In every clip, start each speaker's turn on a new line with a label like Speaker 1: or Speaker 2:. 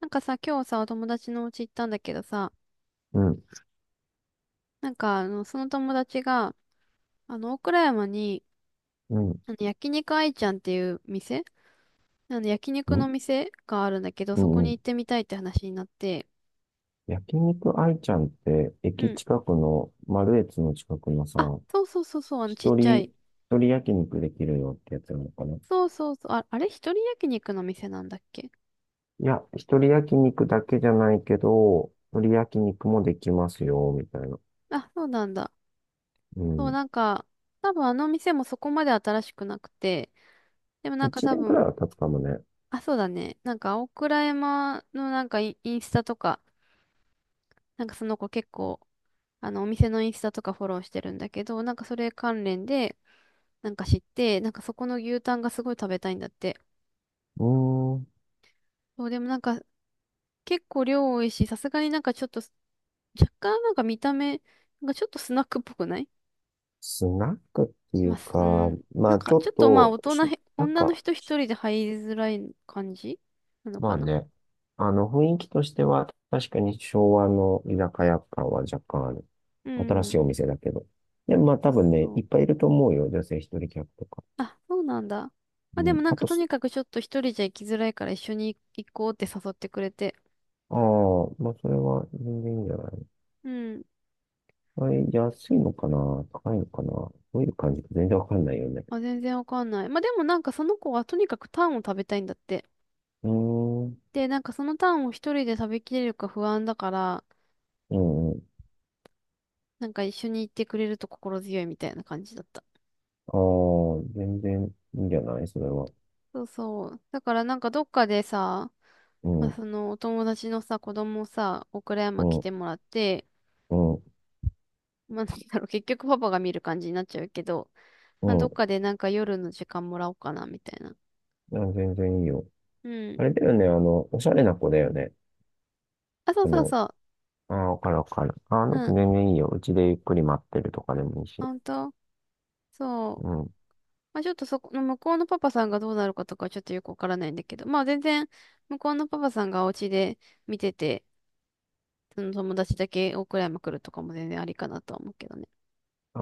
Speaker 1: なんかさ、今日さ、お友達のお家行ったんだけどさ、
Speaker 2: うん、
Speaker 1: なんか、その友達が、大倉山に、
Speaker 2: うん、
Speaker 1: 焼肉愛ちゃんっていう店、焼
Speaker 2: う
Speaker 1: 肉
Speaker 2: ん、
Speaker 1: の店があるんだけど、
Speaker 2: う
Speaker 1: そこ
Speaker 2: ん。う
Speaker 1: に行っ
Speaker 2: ん。
Speaker 1: てみたいって話になって、
Speaker 2: 焼肉愛ちゃんって、
Speaker 1: う
Speaker 2: 駅
Speaker 1: ん。
Speaker 2: 近くの、マルエツの近くのさ、
Speaker 1: あ、そうそうそうそう、ちっ
Speaker 2: 一
Speaker 1: ちゃ
Speaker 2: 人、
Speaker 1: い。
Speaker 2: 一人焼肉できるよってやつなのかない、
Speaker 1: そうそうそう、あ、あれ一人焼肉の店なんだっけ？
Speaker 2: や、一人焼肉だけじゃないけど、一人焼肉もできますよ、みたいな。
Speaker 1: あ、そうなんだ。
Speaker 2: う
Speaker 1: そう、
Speaker 2: ん。
Speaker 1: なんか、多分あの店もそこまで新しくなくて、でもなんか
Speaker 2: 一
Speaker 1: 多
Speaker 2: 年くら
Speaker 1: 分、
Speaker 2: いは経つかもね。
Speaker 1: あ、そうだね。なんか、青倉山のなんかインスタとか、なんかその子結構、お店のインスタとかフォローしてるんだけど、なんかそれ関連で、なんか知って、なんかそこの牛タンがすごい食べたいんだって。
Speaker 2: うーん。
Speaker 1: そう、でもなんか結構量多いし、さすがになんかちょっと、若干なんか見た目がちょっとスナックっぽくない？
Speaker 2: スナックってい
Speaker 1: まあ、
Speaker 2: う
Speaker 1: す
Speaker 2: か、
Speaker 1: うん、な
Speaker 2: ま
Speaker 1: ん
Speaker 2: あ
Speaker 1: か
Speaker 2: ちょ
Speaker 1: ちょ
Speaker 2: っ
Speaker 1: っとまあ
Speaker 2: と、
Speaker 1: 大人
Speaker 2: し、
Speaker 1: へ、
Speaker 2: なん
Speaker 1: 女の
Speaker 2: か、
Speaker 1: 人一人で入りづらい感じなの
Speaker 2: ま
Speaker 1: か
Speaker 2: あ
Speaker 1: な？
Speaker 2: ね、雰囲気としては、確かに昭和の居酒屋感は若干ある。
Speaker 1: う
Speaker 2: 新し
Speaker 1: ん。
Speaker 2: いお店だけど。で、まあ
Speaker 1: そう
Speaker 2: 多分ね、
Speaker 1: そ
Speaker 2: い
Speaker 1: う。
Speaker 2: っぱいいると思うよ。女性一人客とか。
Speaker 1: あ、そうなんだ。ま
Speaker 2: う
Speaker 1: あでも
Speaker 2: ん。
Speaker 1: なん
Speaker 2: あ
Speaker 1: か
Speaker 2: と
Speaker 1: と
Speaker 2: す、
Speaker 1: にかくちょっと一人じゃ行きづらいから一緒に行こうって誘ってくれて。
Speaker 2: ああ、まあそれは全然いいんじゃない？
Speaker 1: うん。
Speaker 2: はい、安いのかな、高いのかな、どういう感じか全然わかんないよね。
Speaker 1: あ、全然わかんない。まあ、でもなんかその子はとにかくタンを食べたいんだって。
Speaker 2: うーん。う
Speaker 1: で、なんかそのタンを一人で食べきれるか不安だから、
Speaker 2: んうん。
Speaker 1: なんか一緒に行ってくれると心強いみたいな感じだった。
Speaker 2: ああ、全然いいんじゃないそれは。
Speaker 1: そうそう。だからなんかどっかでさ、
Speaker 2: う
Speaker 1: まあ、
Speaker 2: ん、
Speaker 1: そのお友達のさ、子供をさ、岡
Speaker 2: う
Speaker 1: 山来
Speaker 2: ん、
Speaker 1: てもらって、
Speaker 2: うん、
Speaker 1: まあ、なんだろう、結局パパが見る感じになっちゃうけど、
Speaker 2: う
Speaker 1: まあ、どっ
Speaker 2: ん。
Speaker 1: かでなんか夜の時間もらおうかな、みたいな。
Speaker 2: あ、全然いいよ。
Speaker 1: うん。
Speaker 2: あれだよね、おしゃれな子だよね。
Speaker 1: あ、そう
Speaker 2: あ
Speaker 1: そう
Speaker 2: の、
Speaker 1: そう。
Speaker 2: ああ、わかるわかる。ああ、なん
Speaker 1: う
Speaker 2: か
Speaker 1: ん。
Speaker 2: 全然いいよ。うちでゆっくり待ってるとかでもいいし。
Speaker 1: ほんとそ
Speaker 2: う
Speaker 1: う。
Speaker 2: ん。
Speaker 1: まあ、ちょっとそこの向こうのパパさんがどうなるかとかはちょっとよくわからないんだけど、まあ全然向こうのパパさんがお家で見てて、その友達だけ大倉山来るとかも全然ありかなとは思うけどね。
Speaker 2: あ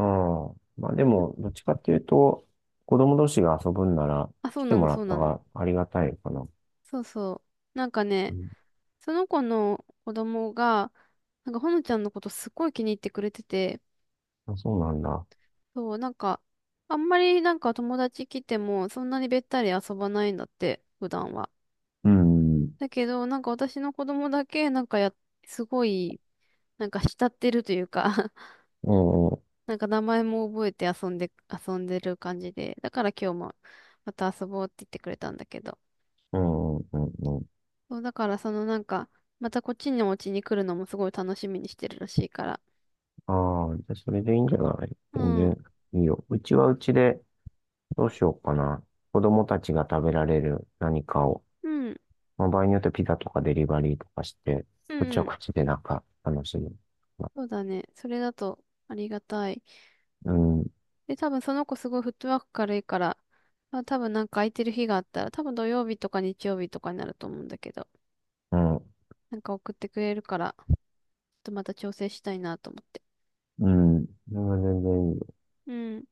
Speaker 2: あ。まあでも、
Speaker 1: ん、
Speaker 2: どっちかっていうと、子供同士が遊ぶんなら
Speaker 1: あ、そ
Speaker 2: 来
Speaker 1: う
Speaker 2: て
Speaker 1: な
Speaker 2: も
Speaker 1: の、
Speaker 2: ら
Speaker 1: そ
Speaker 2: っ
Speaker 1: う
Speaker 2: た
Speaker 1: なの。
Speaker 2: がありがたいかな。
Speaker 1: そうそう。なんか
Speaker 2: う
Speaker 1: ね、
Speaker 2: ん。
Speaker 1: その子の子供が、なんかほのちゃんのことすごい気に入ってくれてて、
Speaker 2: あ、そうなんだ。
Speaker 1: そう、なんか、あんまりなんか友達来てもそんなにべったり遊ばないんだって、普段は。
Speaker 2: うん。
Speaker 1: だけど、なんか私の子供だけ、なんかや、すごい、なんか慕ってるというか
Speaker 2: うんうん
Speaker 1: なんか名前も覚えて遊んで、遊んでる感じで、だから今日もまた遊ぼうって言ってくれたんだけど、
Speaker 2: うんうんうん。
Speaker 1: そう、だからそのなんか、またこっちのお家に来るのもすごい楽しみにしてるらしいから。
Speaker 2: ああ、じゃあそれでいいんじゃない？
Speaker 1: う
Speaker 2: 全
Speaker 1: ん、うん、
Speaker 2: 然いいよ。うちはうちでどうしようかな。子供たちが食べられる何かを、
Speaker 1: うん、
Speaker 2: まあ、場合によってピザとかデリバリーとかして、
Speaker 1: う
Speaker 2: こっちは
Speaker 1: ん。
Speaker 2: こっちでなんか楽しむ。
Speaker 1: そうだね。それだとありがたい。
Speaker 2: うん。
Speaker 1: で、多分その子すごいフットワーク軽いから、まあ、多分なんか空いてる日があったら、多分土曜日とか日曜日とかになると思うんだけど、
Speaker 2: うん。
Speaker 1: なんか送ってくれるから、ちょっとまた調整したいなと思って。
Speaker 2: うん。それは全然いいよ。
Speaker 1: うん、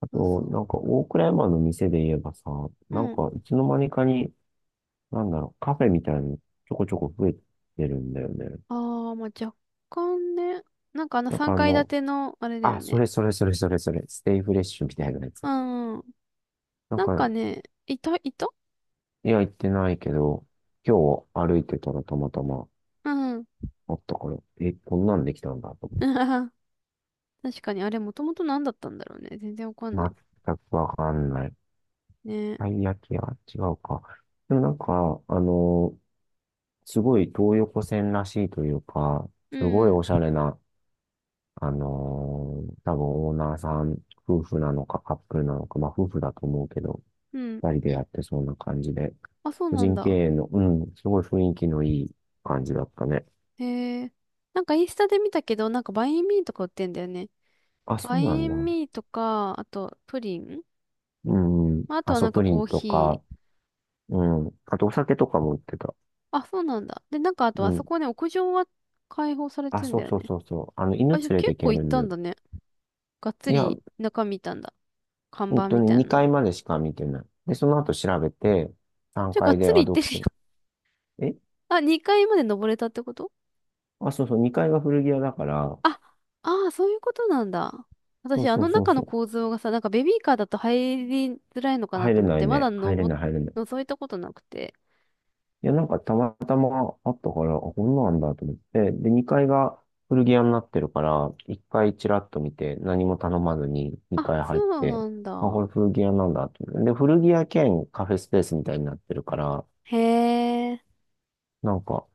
Speaker 2: あ
Speaker 1: そう
Speaker 2: と、
Speaker 1: そ
Speaker 2: なんか、大倉山の店で言えばさ、
Speaker 1: う。う
Speaker 2: なん
Speaker 1: ん。
Speaker 2: か、いつの間にかに、なんだろう、カフェみたいなのちょこちょこ増えてるんだよね。
Speaker 1: ああ、まあ若干ね。なんか
Speaker 2: なんかあ
Speaker 1: 3
Speaker 2: の、
Speaker 1: 階建ての、あれだよ
Speaker 2: あ、そ
Speaker 1: ね。
Speaker 2: れそれそれそれそれ、ステイフレッシュみたいなや
Speaker 1: う
Speaker 2: つ。
Speaker 1: んうん。
Speaker 2: なん
Speaker 1: なん
Speaker 2: か、
Speaker 1: かね、いた、
Speaker 2: いや、行ってないけど、今日歩いてたらたまたま
Speaker 1: うん。
Speaker 2: あったから、え、こんなんできたんだと思っ
Speaker 1: 確かに、あれもともと何だったんだろうね。全然わかん
Speaker 2: て。
Speaker 1: ない。
Speaker 2: 全くわかんない。
Speaker 1: ね。
Speaker 2: たい焼き屋違うか。でもなんか、すごい東横線らしいというか、
Speaker 1: う
Speaker 2: すごいお
Speaker 1: ん。
Speaker 2: しゃれな、多分オーナーさん、夫婦なのかカップルなのか、まあ夫婦だと思うけど、
Speaker 1: うん。
Speaker 2: 二人でやってそうな感じで、
Speaker 1: あ、そう
Speaker 2: 個
Speaker 1: なん
Speaker 2: 人経
Speaker 1: だ。
Speaker 2: 営の、うん、すごい雰囲気のいい感じだったね。
Speaker 1: へえ。なんかインスタで見たけど、なんかバインミーとか売ってんだよね。
Speaker 2: あ、そ
Speaker 1: バ
Speaker 2: うな
Speaker 1: イ
Speaker 2: んだ。
Speaker 1: ンミーとか、あとプリン。
Speaker 2: うん、
Speaker 1: まあ、あと
Speaker 2: ア
Speaker 1: は
Speaker 2: ソ
Speaker 1: なんか
Speaker 2: プリ
Speaker 1: コ
Speaker 2: ン
Speaker 1: ー
Speaker 2: と
Speaker 1: ヒ
Speaker 2: か、
Speaker 1: ー。
Speaker 2: うん、あとお酒とかも売ってた。
Speaker 1: あ、そうなんだ。で、なんかあと
Speaker 2: う
Speaker 1: あそ
Speaker 2: ん。
Speaker 1: こね、屋上は開放され
Speaker 2: あ、
Speaker 1: てん
Speaker 2: そ
Speaker 1: だ
Speaker 2: う
Speaker 1: よ
Speaker 2: そう
Speaker 1: ね。
Speaker 2: そうそう。
Speaker 1: あ、
Speaker 2: 犬
Speaker 1: じゃあ
Speaker 2: 連れて
Speaker 1: 結
Speaker 2: い
Speaker 1: 構
Speaker 2: け
Speaker 1: 行
Speaker 2: る
Speaker 1: っ
Speaker 2: ん
Speaker 1: た
Speaker 2: だ。
Speaker 1: んだね。がっつ
Speaker 2: いや、
Speaker 1: り中見たんだ。看
Speaker 2: 本
Speaker 1: 板
Speaker 2: 当
Speaker 1: み
Speaker 2: に
Speaker 1: たいな
Speaker 2: 2階
Speaker 1: の。
Speaker 2: までしか見てない。で、その後調べて、3
Speaker 1: じゃあ、がっ
Speaker 2: 階で、
Speaker 1: つ
Speaker 2: あ、
Speaker 1: り行っ
Speaker 2: ど
Speaker 1: てるよ。
Speaker 2: こ、え、
Speaker 1: あ、2階まで登れたってこと？
Speaker 2: あ、そうそう、2階が古着屋だから、
Speaker 1: あ、ああ、そういうことなんだ。
Speaker 2: そ
Speaker 1: 私、
Speaker 2: う
Speaker 1: あ
Speaker 2: そ
Speaker 1: の
Speaker 2: うそう
Speaker 1: 中の
Speaker 2: そう。
Speaker 1: 構造がさ、なんかベビーカーだと入りづらいのかな
Speaker 2: 入
Speaker 1: と
Speaker 2: れ
Speaker 1: 思っ
Speaker 2: ない
Speaker 1: て、ま
Speaker 2: ね。
Speaker 1: だ
Speaker 2: 入れ
Speaker 1: 登
Speaker 2: な
Speaker 1: っ、
Speaker 2: い、入れない。
Speaker 1: 覗いたことなくて。
Speaker 2: いや、なんかたまたまあったから、あ、こんなんだと思って。で、2階が古着屋になってるから、1階チラッと見て、何も頼まずに
Speaker 1: あ、
Speaker 2: 2階
Speaker 1: そ
Speaker 2: 入っ
Speaker 1: う
Speaker 2: て、
Speaker 1: なん
Speaker 2: あ、これ
Speaker 1: だ。
Speaker 2: 古着屋なんだと思って。で、古着屋兼カフェスペースみたいになってるから、
Speaker 1: へえ。
Speaker 2: なんか、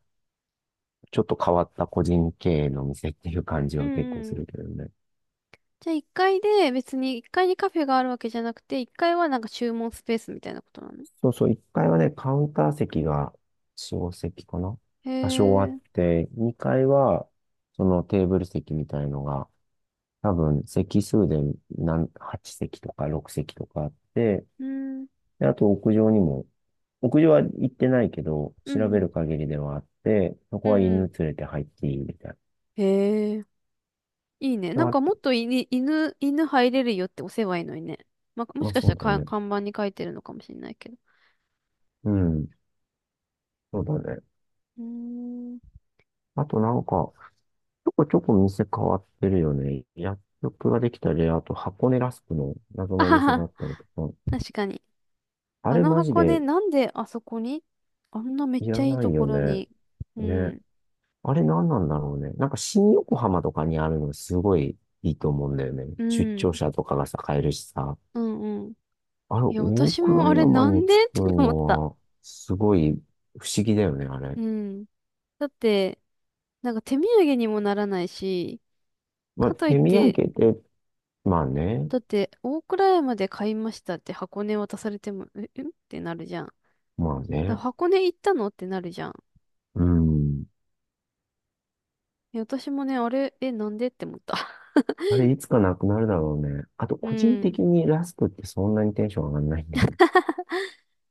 Speaker 2: ちょっと変わった個人経営の店っていう感じ
Speaker 1: う
Speaker 2: は結構す
Speaker 1: んうん。
Speaker 2: るけどね。
Speaker 1: じゃあ、1階で別に1階にカフェがあるわけじゃなくて、1階はなんか注文スペースみたいなことなの？
Speaker 2: そうそう、1階はね、カウンター席が4、席かな、
Speaker 1: へ
Speaker 2: 多少あっ
Speaker 1: え。
Speaker 2: て、2階は、そのテーブル席みたいのが、多分、席数で何、8席とか6席とかあって、
Speaker 1: うん。
Speaker 2: で、あと屋上にも、屋上は行ってないけど、
Speaker 1: う
Speaker 2: 調べ
Speaker 1: んうん。
Speaker 2: る限りではあって、そ
Speaker 1: う
Speaker 2: こは
Speaker 1: んう
Speaker 2: 犬
Speaker 1: ん。
Speaker 2: 連れて入っていいみたい
Speaker 1: へえ。いいね。な
Speaker 2: な。
Speaker 1: ん
Speaker 2: あ、
Speaker 1: かもっとい、犬、犬入れるよって押せばいいのにね。まあ、も
Speaker 2: ま
Speaker 1: し
Speaker 2: あ、
Speaker 1: かした
Speaker 2: そ
Speaker 1: ら
Speaker 2: うだ
Speaker 1: か
Speaker 2: ね。
Speaker 1: 看板に書いてるのかもしれないけど。
Speaker 2: うん、そうだね。
Speaker 1: うーん。
Speaker 2: あとなんか、ちょこちょこ店変わってるよね。薬局ができたり、あと箱根ラスクの謎
Speaker 1: あ
Speaker 2: のお
Speaker 1: は
Speaker 2: 店があ
Speaker 1: は、
Speaker 2: ったりとか。
Speaker 1: 確かに。
Speaker 2: あ
Speaker 1: あ
Speaker 2: れ
Speaker 1: の
Speaker 2: マジ
Speaker 1: 箱根、
Speaker 2: で
Speaker 1: なんであそこにあんなめっ
Speaker 2: いら
Speaker 1: ちゃいい
Speaker 2: な
Speaker 1: と
Speaker 2: い
Speaker 1: こ
Speaker 2: よ
Speaker 1: ろ
Speaker 2: ね。
Speaker 1: に。う
Speaker 2: ね。
Speaker 1: ん。
Speaker 2: あれ何なんだろうね。なんか新横浜とかにあるのすごいいいと思うんだよね。
Speaker 1: う
Speaker 2: 出
Speaker 1: ん。
Speaker 2: 張者とかがさ、買えるしさ。
Speaker 1: うんうん。
Speaker 2: あれ、
Speaker 1: いや、
Speaker 2: 大
Speaker 1: 私も
Speaker 2: 倉
Speaker 1: あれ
Speaker 2: 山
Speaker 1: なん
Speaker 2: に作
Speaker 1: でっ
Speaker 2: る
Speaker 1: て思った。
Speaker 2: のは、すごい不思議だよね、あれ。
Speaker 1: うん。だって、なんか手土産にもならないし、
Speaker 2: まあ、
Speaker 1: かといっ
Speaker 2: 手土産
Speaker 1: て、
Speaker 2: で、まあね。
Speaker 1: だって、大倉山で買いましたって箱根渡されても、え、えってなるじゃん。
Speaker 2: まあ
Speaker 1: だ
Speaker 2: ね。
Speaker 1: 箱根行ったのってなるじゃん。
Speaker 2: うん。
Speaker 1: いや私もね、あれ、え、なんでって思った。
Speaker 2: あれ、いつかなくなるだろうね。あと、
Speaker 1: う
Speaker 2: 個人
Speaker 1: ん。
Speaker 2: 的にラスクってそんなにテンション上がんないんだよね。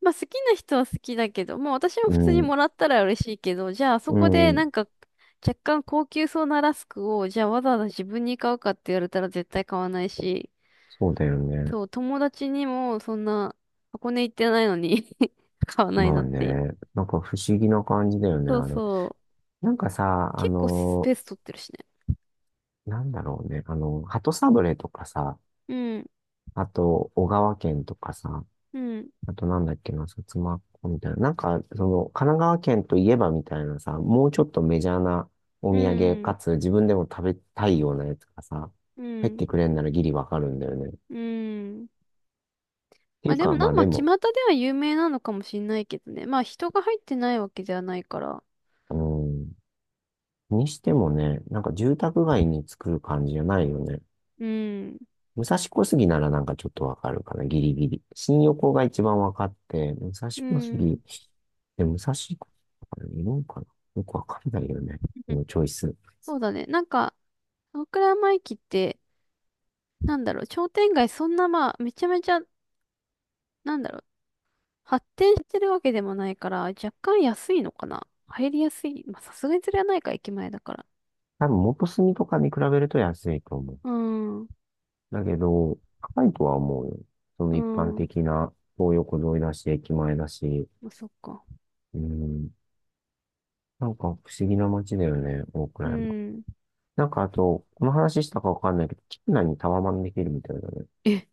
Speaker 1: まあ好きな人は好きだけど、まあ私も
Speaker 2: う
Speaker 1: 普通に
Speaker 2: ん、
Speaker 1: もらったら嬉しいけど、じゃあそ
Speaker 2: う
Speaker 1: こでな
Speaker 2: ん、
Speaker 1: んか若干高級そうなラスクを、じゃあわざわざ自分に買うかって言われたら絶対買わないし、
Speaker 2: そうだよね。
Speaker 1: そう、友達にもそんな箱根行ってないのに 買わない
Speaker 2: ま
Speaker 1: な
Speaker 2: あ
Speaker 1: っ
Speaker 2: ね、
Speaker 1: て。
Speaker 2: なんか不思議な感じだよね、
Speaker 1: そう
Speaker 2: あれ。
Speaker 1: そう。
Speaker 2: なんかさ、あ
Speaker 1: 結構ス
Speaker 2: の、
Speaker 1: ペース取ってるしね。
Speaker 2: なんだろうね、鳩サブレーとかさ、
Speaker 1: うん、
Speaker 2: あと、小川県とかさ、
Speaker 1: うん、
Speaker 2: あとなんだっけな、薩摩っ子みたいな。なんか、その、神奈川県といえばみたいなさ、もうちょっとメジャーなお
Speaker 1: う
Speaker 2: 土産か
Speaker 1: ん、
Speaker 2: つ自分でも食べたいようなやつがさ、
Speaker 1: う
Speaker 2: 入っ
Speaker 1: ん、
Speaker 2: てくれんならギリわかるんだよね。
Speaker 1: うん。
Speaker 2: てい
Speaker 1: まあ
Speaker 2: う
Speaker 1: でも
Speaker 2: か、ま
Speaker 1: な、
Speaker 2: あ
Speaker 1: ま
Speaker 2: で
Speaker 1: あ、巷
Speaker 2: も、
Speaker 1: では有名なのかもしんないけどね。まあ人が入ってないわけじゃないから。
Speaker 2: うん、にしてもね、なんか住宅街に作る感じじゃないよね。
Speaker 1: うん。
Speaker 2: 武蔵小杉ならなんかちょっとわかるかな、ギリギリ。新横が一番わかって、武蔵
Speaker 1: う
Speaker 2: 小
Speaker 1: ん。
Speaker 2: 杉、で、武蔵小杉とかいるんかな、よくわかんないよね。こ のチョイス。
Speaker 1: そうだね。なんか、大倉山駅って、なんだろう、商店街そんなまあ、めちゃめちゃ、なんだろう、発展してるわけでもないから、若干安いのかな。入りやすい。まあさすがにそれはないか、駅前だから。
Speaker 2: 多分元住とかに比べると安いと思う。
Speaker 1: うん。う
Speaker 2: だけど、高いとは思うよ。その一般的
Speaker 1: ん。
Speaker 2: な東横沿いだし、駅前だし。
Speaker 1: まあそっか。
Speaker 2: うん。なんか不思議な街だよね、大
Speaker 1: う
Speaker 2: 倉山。
Speaker 1: ん。
Speaker 2: なんかあと、この話したかわかんないけど、キ内にタワマンできるみたいだね。
Speaker 1: え、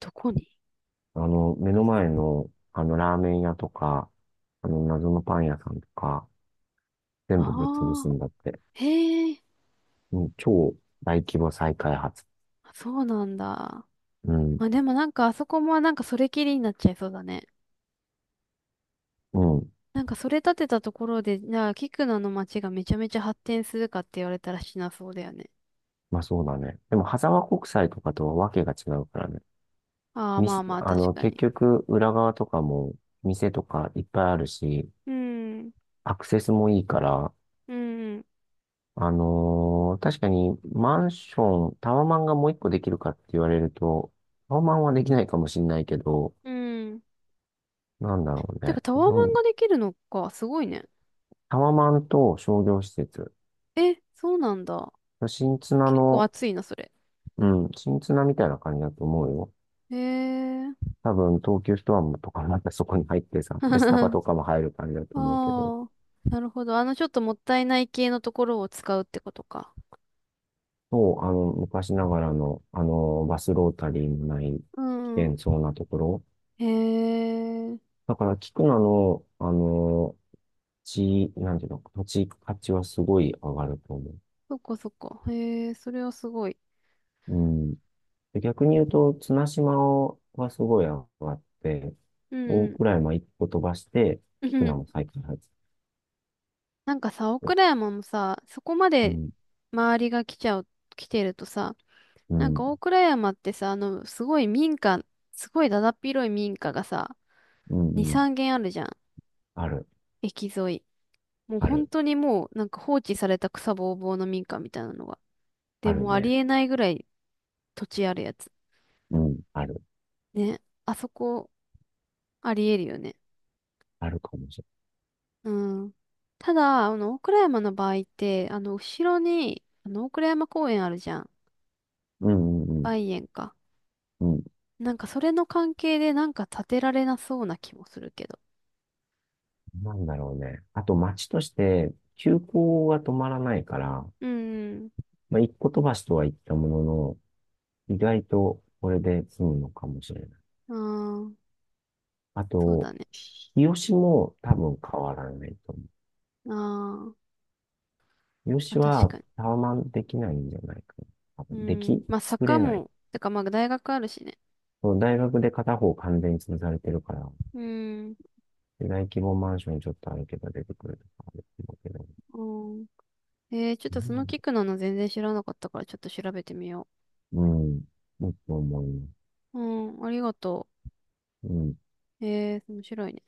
Speaker 1: どこに？
Speaker 2: 目の前の、ラーメン屋とか、謎のパン屋さんとか、全部ぶっ潰
Speaker 1: あ
Speaker 2: す
Speaker 1: あ
Speaker 2: んだって。
Speaker 1: ー、へえ、
Speaker 2: うん、超大規模再開発。
Speaker 1: そうなんだ。
Speaker 2: うん、
Speaker 1: まあでもなんかあそこもなんかそれきりになっちゃいそうだね。
Speaker 2: うん。
Speaker 1: なんかそれ立てたところで、じゃあ、キクナの街がめちゃめちゃ発展するかって言われたらしなそうだよね。
Speaker 2: まあそうだね。でも、羽沢国際とかとはわけが違うからね。
Speaker 1: ああ、
Speaker 2: み、
Speaker 1: まあまあ、
Speaker 2: あ
Speaker 1: 確
Speaker 2: の、
Speaker 1: か
Speaker 2: 結
Speaker 1: に。
Speaker 2: 局、裏側とかも、店とかいっぱいあるし、
Speaker 1: うん、
Speaker 2: アクセスもいいから、
Speaker 1: うん、
Speaker 2: 確かにマンション、タワマンがもう一個できるかって言われると、タワマンはできないかもしれないけど、
Speaker 1: うん。
Speaker 2: なんだろう
Speaker 1: てか、
Speaker 2: ね。
Speaker 1: タワー
Speaker 2: ど
Speaker 1: マン
Speaker 2: ん、
Speaker 1: ができるのか、すごいね。
Speaker 2: タワマンと商業施設。
Speaker 1: え、そうなんだ。
Speaker 2: 新綱
Speaker 1: 結構
Speaker 2: の、
Speaker 1: 熱いな、それ。
Speaker 2: うん、新綱みたいな感じだと思うよ。
Speaker 1: へえ。
Speaker 2: 多分、東急ストアもとかまたそこに入ってさ、で、スタバ
Speaker 1: あ
Speaker 2: とかも入る感じだと思うけど、
Speaker 1: あ、なるほど。ちょっともったいない系のところを使うってことか。
Speaker 2: そう、昔ながらの、バスロータリーのない
Speaker 1: う
Speaker 2: 危
Speaker 1: ん。
Speaker 2: 険そうなところ。
Speaker 1: へえ。
Speaker 2: だから、聞くなの、あの地、なんていうの、土地価値はすごい上がると思う。
Speaker 1: そっかそっか。へえ、それはすごい。
Speaker 2: うん。で、逆に言うと、綱島はすごい上がって、
Speaker 1: うんうん
Speaker 2: 大
Speaker 1: うん。
Speaker 2: 蔵山一個飛ばして、菊名も再 開発し
Speaker 1: なんかさ、大
Speaker 2: て。
Speaker 1: 倉山もさ、そこま
Speaker 2: う
Speaker 1: で
Speaker 2: ん、
Speaker 1: 周りが来ちゃう、来てるとさ、
Speaker 2: う
Speaker 1: なん
Speaker 2: ん、
Speaker 1: か大倉山ってさ、すごい民家、すごいだだっ広い民家がさ、
Speaker 2: うん、
Speaker 1: 2、
Speaker 2: うん。
Speaker 1: 3軒あるじゃん。
Speaker 2: ある、
Speaker 1: 駅沿い。もう
Speaker 2: あ
Speaker 1: 本
Speaker 2: る、
Speaker 1: 当にもう、なんか放置された草ぼうぼうの民家みたいなのが。で
Speaker 2: ある
Speaker 1: もうあり
Speaker 2: ね。
Speaker 1: えないぐらい土地あるやつ。
Speaker 2: うん、ある、
Speaker 1: ね。あそこ、ありえるよね。
Speaker 2: あるかもしれ
Speaker 1: うん。ただ、大倉山の場合って、後ろに、大倉山公園あるじゃん。
Speaker 2: ない。うん、うん、うん。
Speaker 1: 梅園か。
Speaker 2: うん、
Speaker 1: なんかそれの関係でなんか建てられなそうな気もするけど。
Speaker 2: なんだろうね。あと街として、急行が止まらないから、
Speaker 1: うん。
Speaker 2: まあ、一個飛ばしとは言ったものの、意外とこれで済むのかもしれない。
Speaker 1: ああ、
Speaker 2: あ
Speaker 1: そう
Speaker 2: と、
Speaker 1: だね。
Speaker 2: 日吉も多分変わらないと思
Speaker 1: あー
Speaker 2: う。日
Speaker 1: まあ、
Speaker 2: 吉
Speaker 1: 確
Speaker 2: は
Speaker 1: かに。
Speaker 2: タワマンできないんじゃないかな。多
Speaker 1: う
Speaker 2: 分で
Speaker 1: ん。
Speaker 2: き、
Speaker 1: まあ
Speaker 2: 作
Speaker 1: 坂
Speaker 2: れない。
Speaker 1: も、てかまあ大学あるしね。
Speaker 2: その大学で片方完全に潰されてるから、
Speaker 1: うん。
Speaker 2: 大規模マンションちょっとあるけど出てくるとかあるうけど。
Speaker 1: うん。えー、ちょっ
Speaker 2: う
Speaker 1: とその
Speaker 2: ん
Speaker 1: キックなの全然知らなかったからちょっと調べてみよ
Speaker 2: うん。もっと思いま
Speaker 1: う。うん、ありがと
Speaker 2: す。うん。
Speaker 1: う。えー、面白いね。